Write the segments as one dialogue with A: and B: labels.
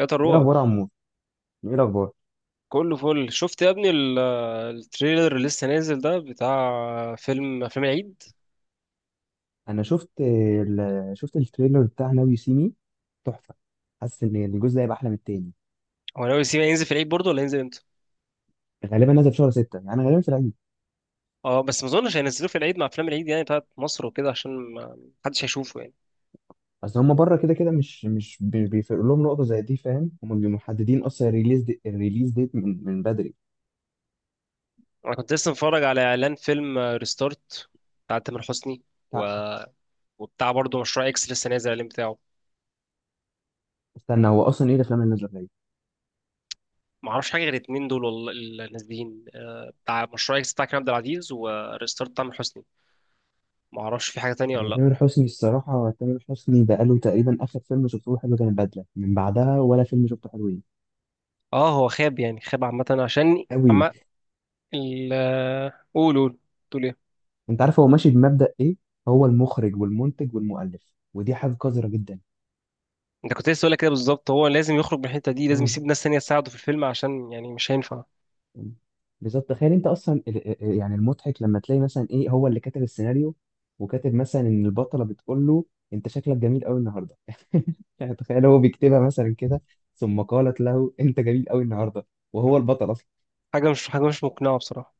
A: يا
B: ايه
A: تروى،
B: الاخبار يا عمور؟ ايه الاخبار؟
A: كله فل. شفت يا ابني التريلر اللي لسه نازل ده بتاع فيلم افلام العيد.
B: شفت التريلر بتاع ناو يو سي مي. تحفه. حاسس ان الجزء ده هيبقى احلى من التاني.
A: هو ناوي يسيب ينزل في العيد برضه ولا ينزل امتى؟
B: غالبا نازل في شهر 6، يعني غالبا في العيد.
A: اه، بس ما اظنش هينزلوه في العيد مع افلام العيد يعني بتاعت مصر وكده عشان ما حدش هيشوفه يعني.
B: اصل هم بره كده كده مش بيفرق لهم نقطه زي دي، فاهم. هم بيبقوا محددين اصلا الريليز ديت من بدري.
A: انا كنت لسه متفرج على اعلان فيلم ريستارت بتاع تامر حسني و...
B: تع-
A: وبتاع برضه مشروع اكس لسه نازل الاعلان بتاعه.
B: استنى، هو اصلا ايه الافلام اللي نازله في العيد؟
A: ما اعرفش حاجه غير الاتنين دول والله اللي نازلين. آه، بتاع مشروع اكس بتاع كريم عبد العزيز وريستارت بتاع تامر حسني. ما اعرفش في حاجه تانية ولا
B: انا
A: لا.
B: تامر حسني الصراحه، تامر حسني بقاله تقريبا اخر فيلم شفته له حلو كان البدله، من بعدها ولا فيلم شفته حلوين.
A: اه، هو خاب يعني خاب عامه، عشان
B: قوي.
A: عامة ال قول قول. تقول ايه؟
B: انت عارف هو ماشي بمبدأ ايه؟ هو المخرج والمنتج والمؤلف، ودي حاجة قذرة جدا.
A: انت كنت لسه هقول لك كده بالظبط. هو لازم يخرج من الحته دي، لازم
B: اه،
A: يسيب ناس تانية تساعده في الفيلم، عشان يعني مش هينفع.
B: بالظبط. تخيل انت اصلا يعني المضحك لما تلاقي مثلا ايه هو اللي كاتب السيناريو، وكاتب مثلا ان البطلة بتقول له: انت شكلك جميل قوي النهارده. يعني تخيل هو بيكتبها مثلا كده، ثم قالت له انت جميل قوي النهارده، وهو البطل اصلا.
A: حاجه مش مقنعه بصراحه.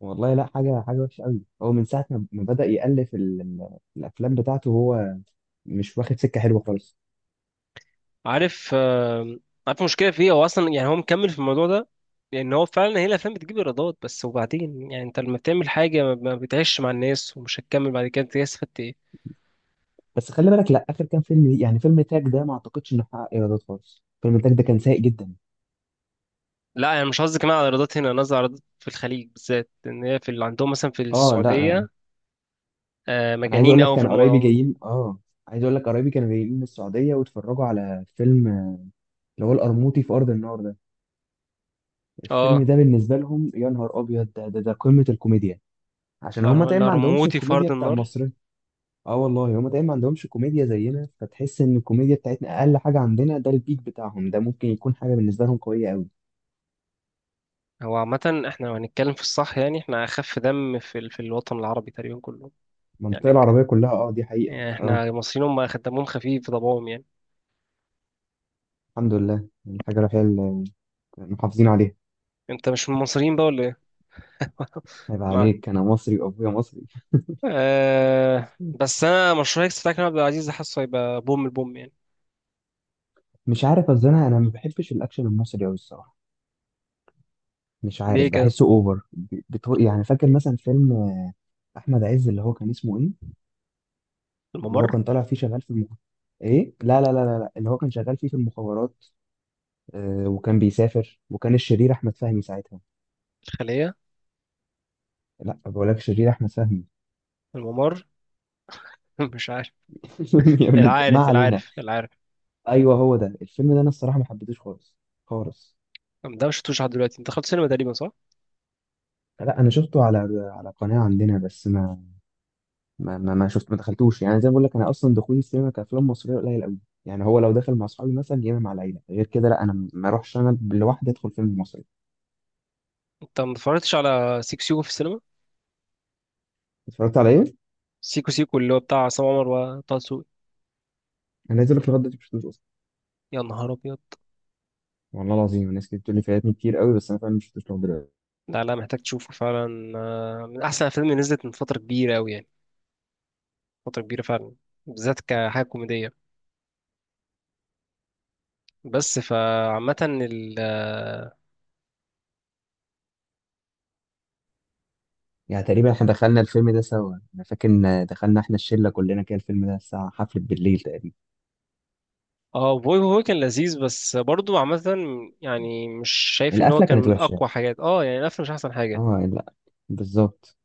B: والله لا حاجة وحشة قوي. هو من ساعة ما بدأ يألف الافلام بتاعته، هو مش واخد سكة حلوة خالص.
A: عارف؟ آه، عارف المشكله في ايه؟ هو اصلا يعني هو مكمل في الموضوع ده، لان هو فعلا هي الافلام بتجيب ايرادات بس. وبعدين يعني انت لما بتعمل حاجه ما بتعيش مع الناس ومش هتكمل بعد كده، انت استفدت ايه؟
B: بس خلي بالك، لا، اخر كام فيلم يعني فيلم تاج ده ما اعتقدش انه حقق ايرادات خالص. فيلم تاج ده كان سيء جدا.
A: لا، انا مش قصدي كمان على ايرادات هنا، انا قصدي على ايرادات في الخليج بالذات، ان هي في اللي عندهم مثلا في
B: اه لا.
A: السعوديه. آه،
B: انا عايز
A: مجانين
B: اقول لك
A: قوي في
B: كان
A: الموضوع
B: قرايبي
A: ده.
B: جايين، عايز اقول لك قرايبي كانوا جايين من السعوديه، واتفرجوا على فيلم اللي هو القرموطي في ارض النار ده. الفيلم
A: اه،
B: ده بالنسبه لهم، يا نهار ابيض، ده قمه الكوميديا. عشان هما
A: لا.
B: تقريبا
A: لا
B: ما عندهمش
A: رموتي في
B: الكوميديا
A: ارض
B: بتاع
A: النار.
B: المصري. اه والله، هما تقريبا ما عندهمش كوميديا زينا، فتحس ان الكوميديا بتاعتنا اقل حاجه عندنا، ده البيك بتاعهم ده ممكن يكون حاجه بالنسبه لهم قويه قوي.
A: هو عامة احنا لو هنتكلم في الصح يعني احنا أخف دم في الوطن العربي تقريبا كله.
B: المنطقه
A: يعني, ك...
B: العربيه كلها، اه، دي حقيقه،
A: يعني
B: اه.
A: احنا المصريين هم دمهم خفيف في طبعهم يعني.
B: الحمد لله، الحاجة الوحيدة اللي محافظين عليها.
A: انت مش من المصريين بقى ولا ايه؟
B: هيبقى
A: مع
B: عليك، أنا مصري وأبويا مصري.
A: بس أنا مشروع اكس بتاع كريم عبد العزيز ده حاسه هيبقى بوم البوم يعني.
B: مش عارف، أصل أنا ما بحبش الأكشن المصري أوي الصراحة. مش عارف،
A: ليه كده؟
B: بحسه أوفر، يعني فاكر مثلا فيلم أحمد عز اللي هو كان اسمه إيه؟ اللي هو
A: الممر.
B: كان طالع فيه شغال في إيه؟ لا لا لا لا لا، اللي هو كان شغال فيه في المخابرات. آه وكان بيسافر، وكان الشرير أحمد فهمي ساعتها.
A: الخلية.
B: لا، بقول لك الشرير أحمد فهمي.
A: الممر. مش عارف.
B: يعني ما علينا.
A: العارف.
B: أيوه، هو ده الفيلم ده. أنا الصراحة ما حبيتهوش خالص خالص.
A: ده مش شفتوش لحد دلوقتي. انت دخلت سينما تقريبا صح؟
B: لا، انا شفته على قناه عندنا، بس ما شفت، ما دخلتوش، يعني زي ما بقول لك انا اصلا دخولي السينما كافلام مصريه قليل قوي. يعني هو لو دخل مع اصحابي مثلا، يا اما مع العيله، غير كده لا، انا ما اروحش انا لوحدي ادخل فيلم مصري.
A: انت ما اتفرجتش على سيكو سيكو في السينما؟
B: اتفرجت على ايه؟
A: سيكو سيكو اللي هو بتاع عصام عمر وطه دسوقي.
B: انا عايز اقول لك لغايه دلوقتي ما شفتوش اصلا.
A: يا نهار أبيض.
B: والله العظيم، الناس كتير بتقول لي فاتني كتير قوي، بس انا فعلا ما شفتوش لغايه دلوقتي.
A: لا، لا، محتاج تشوفه فعلا. آه، من احسن الافلام اللي نزلت من فتره كبيره قوي يعني. فتره كبيره فعلا. بالذات كحاجه كوميديه. بس فعامه
B: يعني تقريبا احنا دخلنا الفيلم ده سوا، انا فاكر ان دخلنا احنا الشله كلنا كده الفيلم ده الساعه حفله بالليل تقريبا.
A: اه، بوي بوي كان لذيذ بس برضو عامه. يعني مش شايف ان هو
B: القفله
A: كان
B: كانت
A: من
B: وحشه.
A: اقوى حاجات اه يعني، الافلام مش احسن حاجه.
B: اه لا. بالظبط.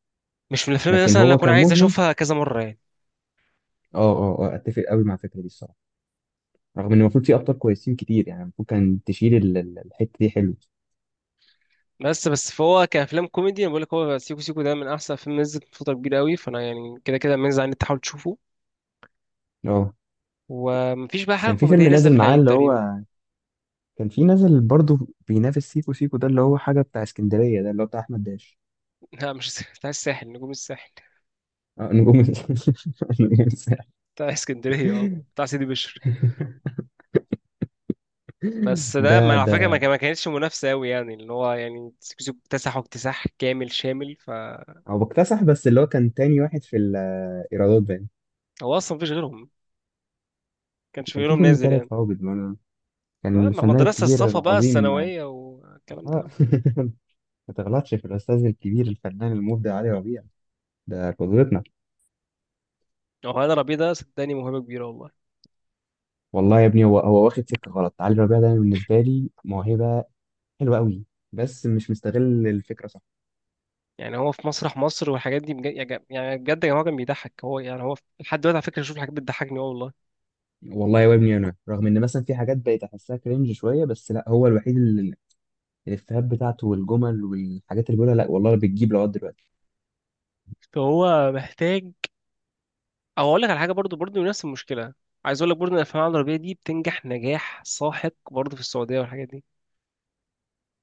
A: مش من الافلام اللي
B: لكن
A: مثلا اللي
B: هو
A: اكون
B: كان
A: عايز
B: مجمل.
A: اشوفها كذا مره يعني.
B: اه، اه، آه، اتفق قوي مع الفكره دي الصراحه. رغم ان المفروض في ابطال كويسين كتير، يعني المفروض كان تشيل الحته دي حلو.
A: بس فهو كافلام كوميدي انا بقول لك، هو سيكو سيكو ده من احسن فيلم نزلت من فتره كبيره قوي، فانا يعني كده كده منزل ان انت تحاول تشوفه.
B: اه،
A: ومفيش بقى حاجه
B: كان في
A: كوميديه
B: فيلم
A: نازله في
B: نازل معاه
A: العيد
B: اللي هو
A: تقريبا.
B: كان في نازل برضه بينافس سيكو سيكو ده، اللي هو حاجه بتاع اسكندريه ده اللي هو بتاع احمد داش.
A: لا، مش الس- بتاع الساحل، نجوم الساحل.
B: اه، نجوم نجوم الساحل.
A: بتاع اسكندريه اه، بتاع سيدي بشر. بس ده، ما
B: ده
A: على فكره،
B: ده
A: ما كانتش منافسه قوي يعني. اللي هو يعني سيكو سيكو اكتسحوا اكتساح كامل شامل، فهو
B: هو بكتسح، بس اللي هو كان تاني واحد في الايرادات باين.
A: اصلا مفيش غيرهم، ما كانش في
B: كان في
A: غيرهم
B: فيلم
A: نازل يعني.
B: تالت هابط برضه. كان
A: اما
B: الفنان
A: مدرسه
B: الكبير
A: الصفا بقى
B: العظيم
A: الثانويه والكلام
B: اه
A: ده.
B: ما تغلطش في الاستاذ الكبير الفنان المبدع علي ربيع. ده قدوتنا.
A: هو هذا ربيع ده صدقني موهبه كبيره والله.
B: والله يا ابني، هو واخد سكه غلط. علي ربيع ده بالنسبه لي موهبه حلوه قوي، بس مش مستغل الفكره صح.
A: يعني هو في مسرح مصر والحاجات دي، بجد يعني بجد يا جماعه كان بيضحك. هو يعني هو لحد دلوقتي على فكره بشوف الحاجات بتضحكني، اه والله.
B: والله يا ابني، انا رغم ان مثلا في حاجات بقيت احسها كرنج شويه، بس لا هو الوحيد اللي الافيهات بتاعته والجمل والحاجات اللي بيقولها، لا والله، بتجيب لغايه دلوقتي.
A: فهو محتاج. او اقول لك على حاجه برضو، نفس المشكله. عايز اقول لك برضو ان الافلام العربيه دي بتنجح نجاح ساحق برضو في السعوديه والحاجات دي.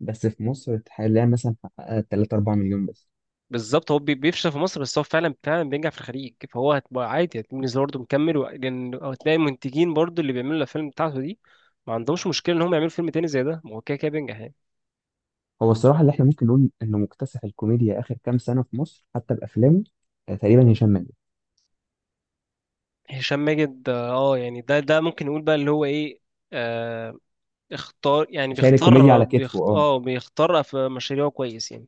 B: بس في مصر حاليا مثلا حققها 3 4 مليون بس.
A: بالظبط، هو بيفشل في مصر بس هو فعلا بينجح في الخليج، فهو هتبقى عادي، هتبقى بالنسبه برضه مكمل، و- لان هتلاقي المنتجين برضو اللي بيعملوا الافلام بتاعته دي ما عندهمش مشكله ان هم يعملوا فيلم تاني زي ده، ما هو كده كده بينجح يعني.
B: هو الصراحه اللي احنا ممكن نقول انه مكتسح الكوميديا اخر كام سنه في مصر حتى بافلامه، آه، تقريبا هشام ماجد.
A: هشام ماجد، اه يعني ده ممكن نقول بقى اللي هو ايه. آه. اختار يعني
B: شايل الكوميديا
A: بيختار
B: على كتفه، اه.
A: اه بيختار في مشاريعه كويس يعني.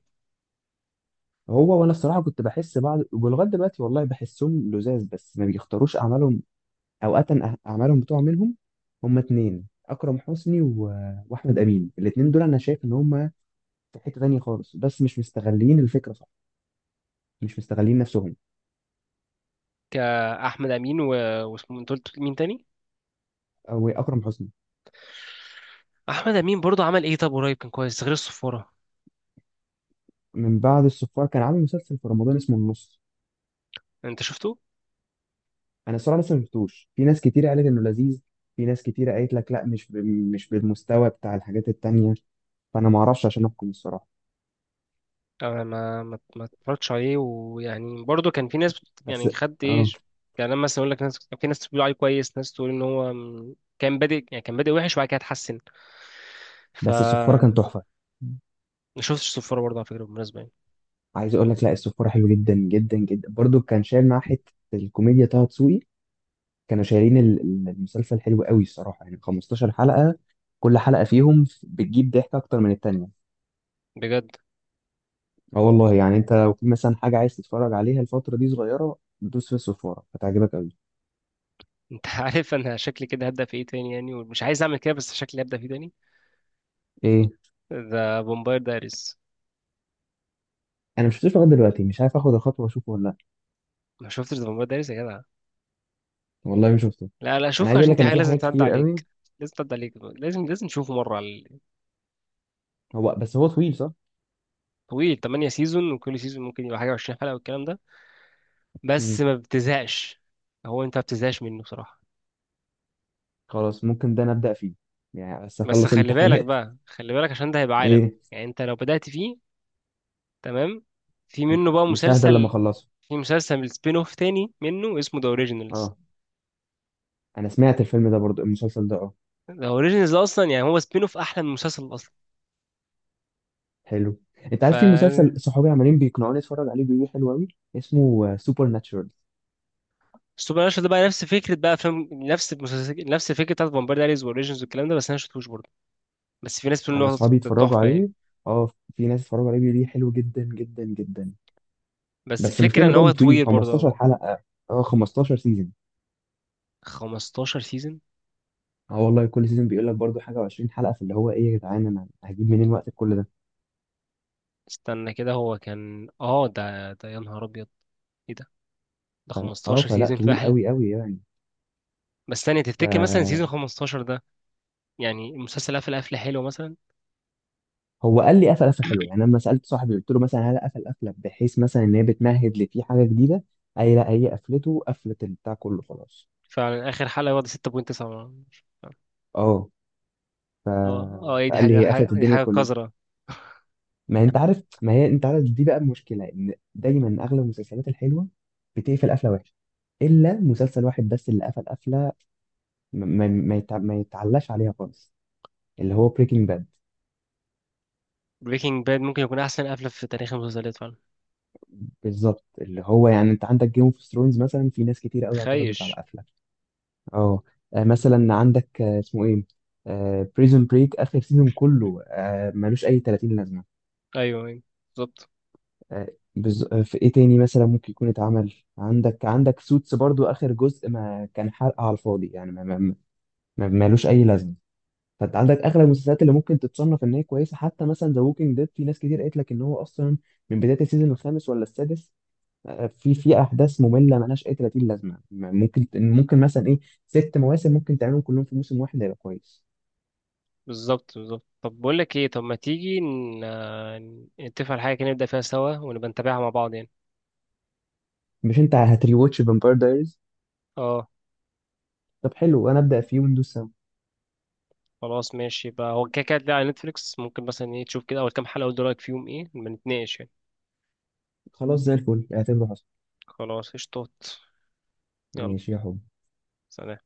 B: هو، وانا الصراحه كنت بحس بعض، ولغايه دلوقتي والله بحسهم لزاز، بس ما بيختاروش اعمالهم. اوقات اعمالهم بتوع منهم. هما اتنين، اكرم حسني واحمد امين. الاتنين دول انا شايف ان هما في حته تانيه خالص، بس مش مستغلين الفكره صح، مش مستغلين نفسهم.
A: آه، احمد امين واسمه، انت قلت مين تاني؟
B: او اكرم حسني.
A: احمد امين برضه عمل ايه طب قريب كان كويس غير الصفاره؟
B: من بعد الصفار كان عامل مسلسل في رمضان اسمه النص.
A: انت شفته؟
B: انا الصراحه لسه ما شفتوش. في ناس كتير قالت انه لذيذ، في ناس كتير قالت لك لا، مش بالمستوى بتاع الحاجات التانيه. فانا ما اعرفش عشان احكم الصراحه.
A: انا ما اتفرجتش عليه. ويعني برضه كان في ناس
B: بس
A: يعني خد ايه.
B: اه
A: يعني لما مثلا اقول لك ناس، في ناس بتقول عليه كويس، ناس تقول ان هو كان بادئ يعني، كان بادئ وحش وبعد كده اتحسن. ف.
B: بس الصفاره كان تحفه.
A: ما شفتش الصفاره برضه على فكره بالمناسبه يعني.
B: عايز اقول لك لا، الصفاره حلو جدا جدا جدا، برضو كان شايل معاه حته الكوميديا طه دسوقي. كانوا شايلين المسلسل حلو قوي الصراحه، يعني 15 حلقه، كل حلقه فيهم بتجيب ضحك اكتر من التانيه.
A: بجد
B: اه والله، يعني انت لو في مثلا حاجه عايز تتفرج عليها الفتره دي صغيره، دوس في الصفاره هتعجبك قوي.
A: انت. عارف انا شكلي كده هبدا في ايه تاني يعني؟ ومش عايز اعمل كده بس شكلي هبدا فيه تاني:
B: ايه؟
A: ذا فامباير دايريز.
B: انا مش شفتوش لغايه دلوقتي، مش عارف اخد الخطوه واشوفه ولا لا.
A: ما شفتش ذا فامباير دايريز يا جدع؟
B: والله ما شفته.
A: لا، لا،
B: انا
A: شوف،
B: عايز اقول
A: عشان
B: لك
A: دي
B: انا
A: حاجة
B: في
A: لازم
B: حاجات
A: تعدي
B: كتير قوي.
A: عليك، لازم تعدي عليك، لازم لازم تشوفه مرة.
B: هو بس هو طويل، صح؟
A: طويل 8 سيزون وكل سيزون ممكن يبقى حاجة 20 حلقة والكلام ده، بس
B: مم.
A: ما بتزهقش. هو انت ما بتزهقش منه بصراحة.
B: خلاص، ممكن ده نبدا فيه، يعني بس
A: بس
B: اخلص
A: خلي بالك
B: امتحانات.
A: بقى، خلي بالك، عشان ده هيبقى عالم
B: ايه؟
A: يعني انت لو بدأت فيه. تمام. في
B: م-
A: منه بقى
B: مش ههدى لما
A: مسلسل،
B: اخلصه.
A: في مسلسل سبين اوف تاني منه اسمه ذا اوريجينالز.
B: اه، انا سمعت الفيلم ده، برضو المسلسل ده، اه.
A: ذا اوريجينالز اصلا يعني هو سبين اوف احلى من المسلسل اصلا.
B: حلو. انت
A: ف.
B: عارف في مسلسل صحابي عمالين بيقنعوني اتفرج عليه، بيقولوا لي حلو قوي، اسمه سوبر ناتشورال.
A: السوبر ناتشورال ده بقى نفس فكره بقى افلام، نفس المسلسل نفس الفكره بتاعت فامباير دايريز واوريجينز والكلام ده، بس انا ما شفتوش برضه. بس في ناس بتقول
B: انا
A: ان هو
B: اصحابي اتفرجوا
A: تحفه يعني.
B: عليه. اه. في ناس اتفرجوا عليه بيقولوا لي حلو جدا جدا جدا.
A: بس
B: بس المشكله
A: الفكره
B: انه
A: ان هو
B: برضو طويل،
A: طويل برضه
B: 15
A: قوي.
B: حلقه. اه، 15 سيزون.
A: 15 سيزون؟
B: اه والله، كل سيزون بيقول لك برضو حاجه و20 حلقه، فاللي هو ايه يا جدعان، انا هجيب منين وقت كل ده؟
A: استنى كده، هو كان اه ده يا نهار ابيض، ايه ده؟ ده
B: فلا اه
A: 15
B: فلا
A: سيزون
B: طويل
A: فعلا؟
B: قوي قوي، يعني.
A: بس ثانيه، تفتكر مثلا سيزون
B: ف
A: 15 ده يعني المسلسل قفل قفله حلوه مثلا؟
B: هو قال لي قفل قفله حلوه، يعني لما سالت صاحبي قلت له مثلا هل قفل قفله بحيث مثلا ان هي بتمهد لفي حاجه جديده؟ اي، لا هي قفلته، قفلت البتاع كله، خلاص.
A: فعلا اخر حلقه واخده 6.9. اه.
B: اه. ف...
A: اه، ايه دي؟
B: فقال
A: حاجه
B: لي هي
A: حاجه
B: قفلت
A: دي،
B: الدنيا
A: حاجه
B: كلها.
A: قذره.
B: ما انت عارف، ما هي انت عارف، دي بقى المشكله ان دايما اغلب المسلسلات الحلوه بتقفل قفله وحشه، الا مسلسل واحد بس اللي قفل قفله ما يتعلاش عليها خالص، اللي هو بريكنج باد.
A: بريكنج باد ممكن يكون احسن قفله في تاريخ المسلسلات فعلا.
B: بالظبط. اللي هو يعني انت عندك جيم اوف ثرونز مثلا، في ناس كتير قوي اعترضت على
A: خيش.
B: قفله. اه. آه، مثلا عندك، اسمه ايه، بريزون بريك اخر سيزون كله، آه، ملوش اي 30 لازمه.
A: ايوه، أيوة، بالظبط.
B: آه، بز... آه، في ايه تاني مثلا ممكن يكون اتعمل، عندك سوتس برضو، اخر جزء ما كان حرق على الفاضي، يعني ما... ما... ما... ملوش اي لازمه. فانت عندك اغلب المسلسلات اللي ممكن تتصنف ان هي كويسه، حتى مثلا ذا ووكينج ديد، في ناس كتير قالت لك ان هو اصلا من بدايه السيزون الخامس ولا السادس، آه، في احداث ممله ملهاش اي 30 لازمه، ممكن مثلا ايه، ست مواسم ممكن تعملهم كلهم في موسم واحد هيبقى كويس.
A: بالظبط. بالظبط، طب بقول لك ايه، طب ما تيجي نتفق على حاجه كده نبدا فيها سوا ونبقى نتابعها مع بعض يعني.
B: مش انت هتريواتش فامباير دايريز؟
A: اه،
B: طب حلو، انا ابدا فيه وندوس سوا.
A: خلاص ماشي بقى، هو كده كده هتلاقي على نتفليكس، ممكن مثلا ايه تشوف كده اول كام حلقه وتقول رايك فيهم ايه، نبقى نتناقش يعني.
B: خلاص زي الفل، اعتبره حصل.
A: خلاص، قشطات. يلا.
B: ماشي يا حب.
A: سلام.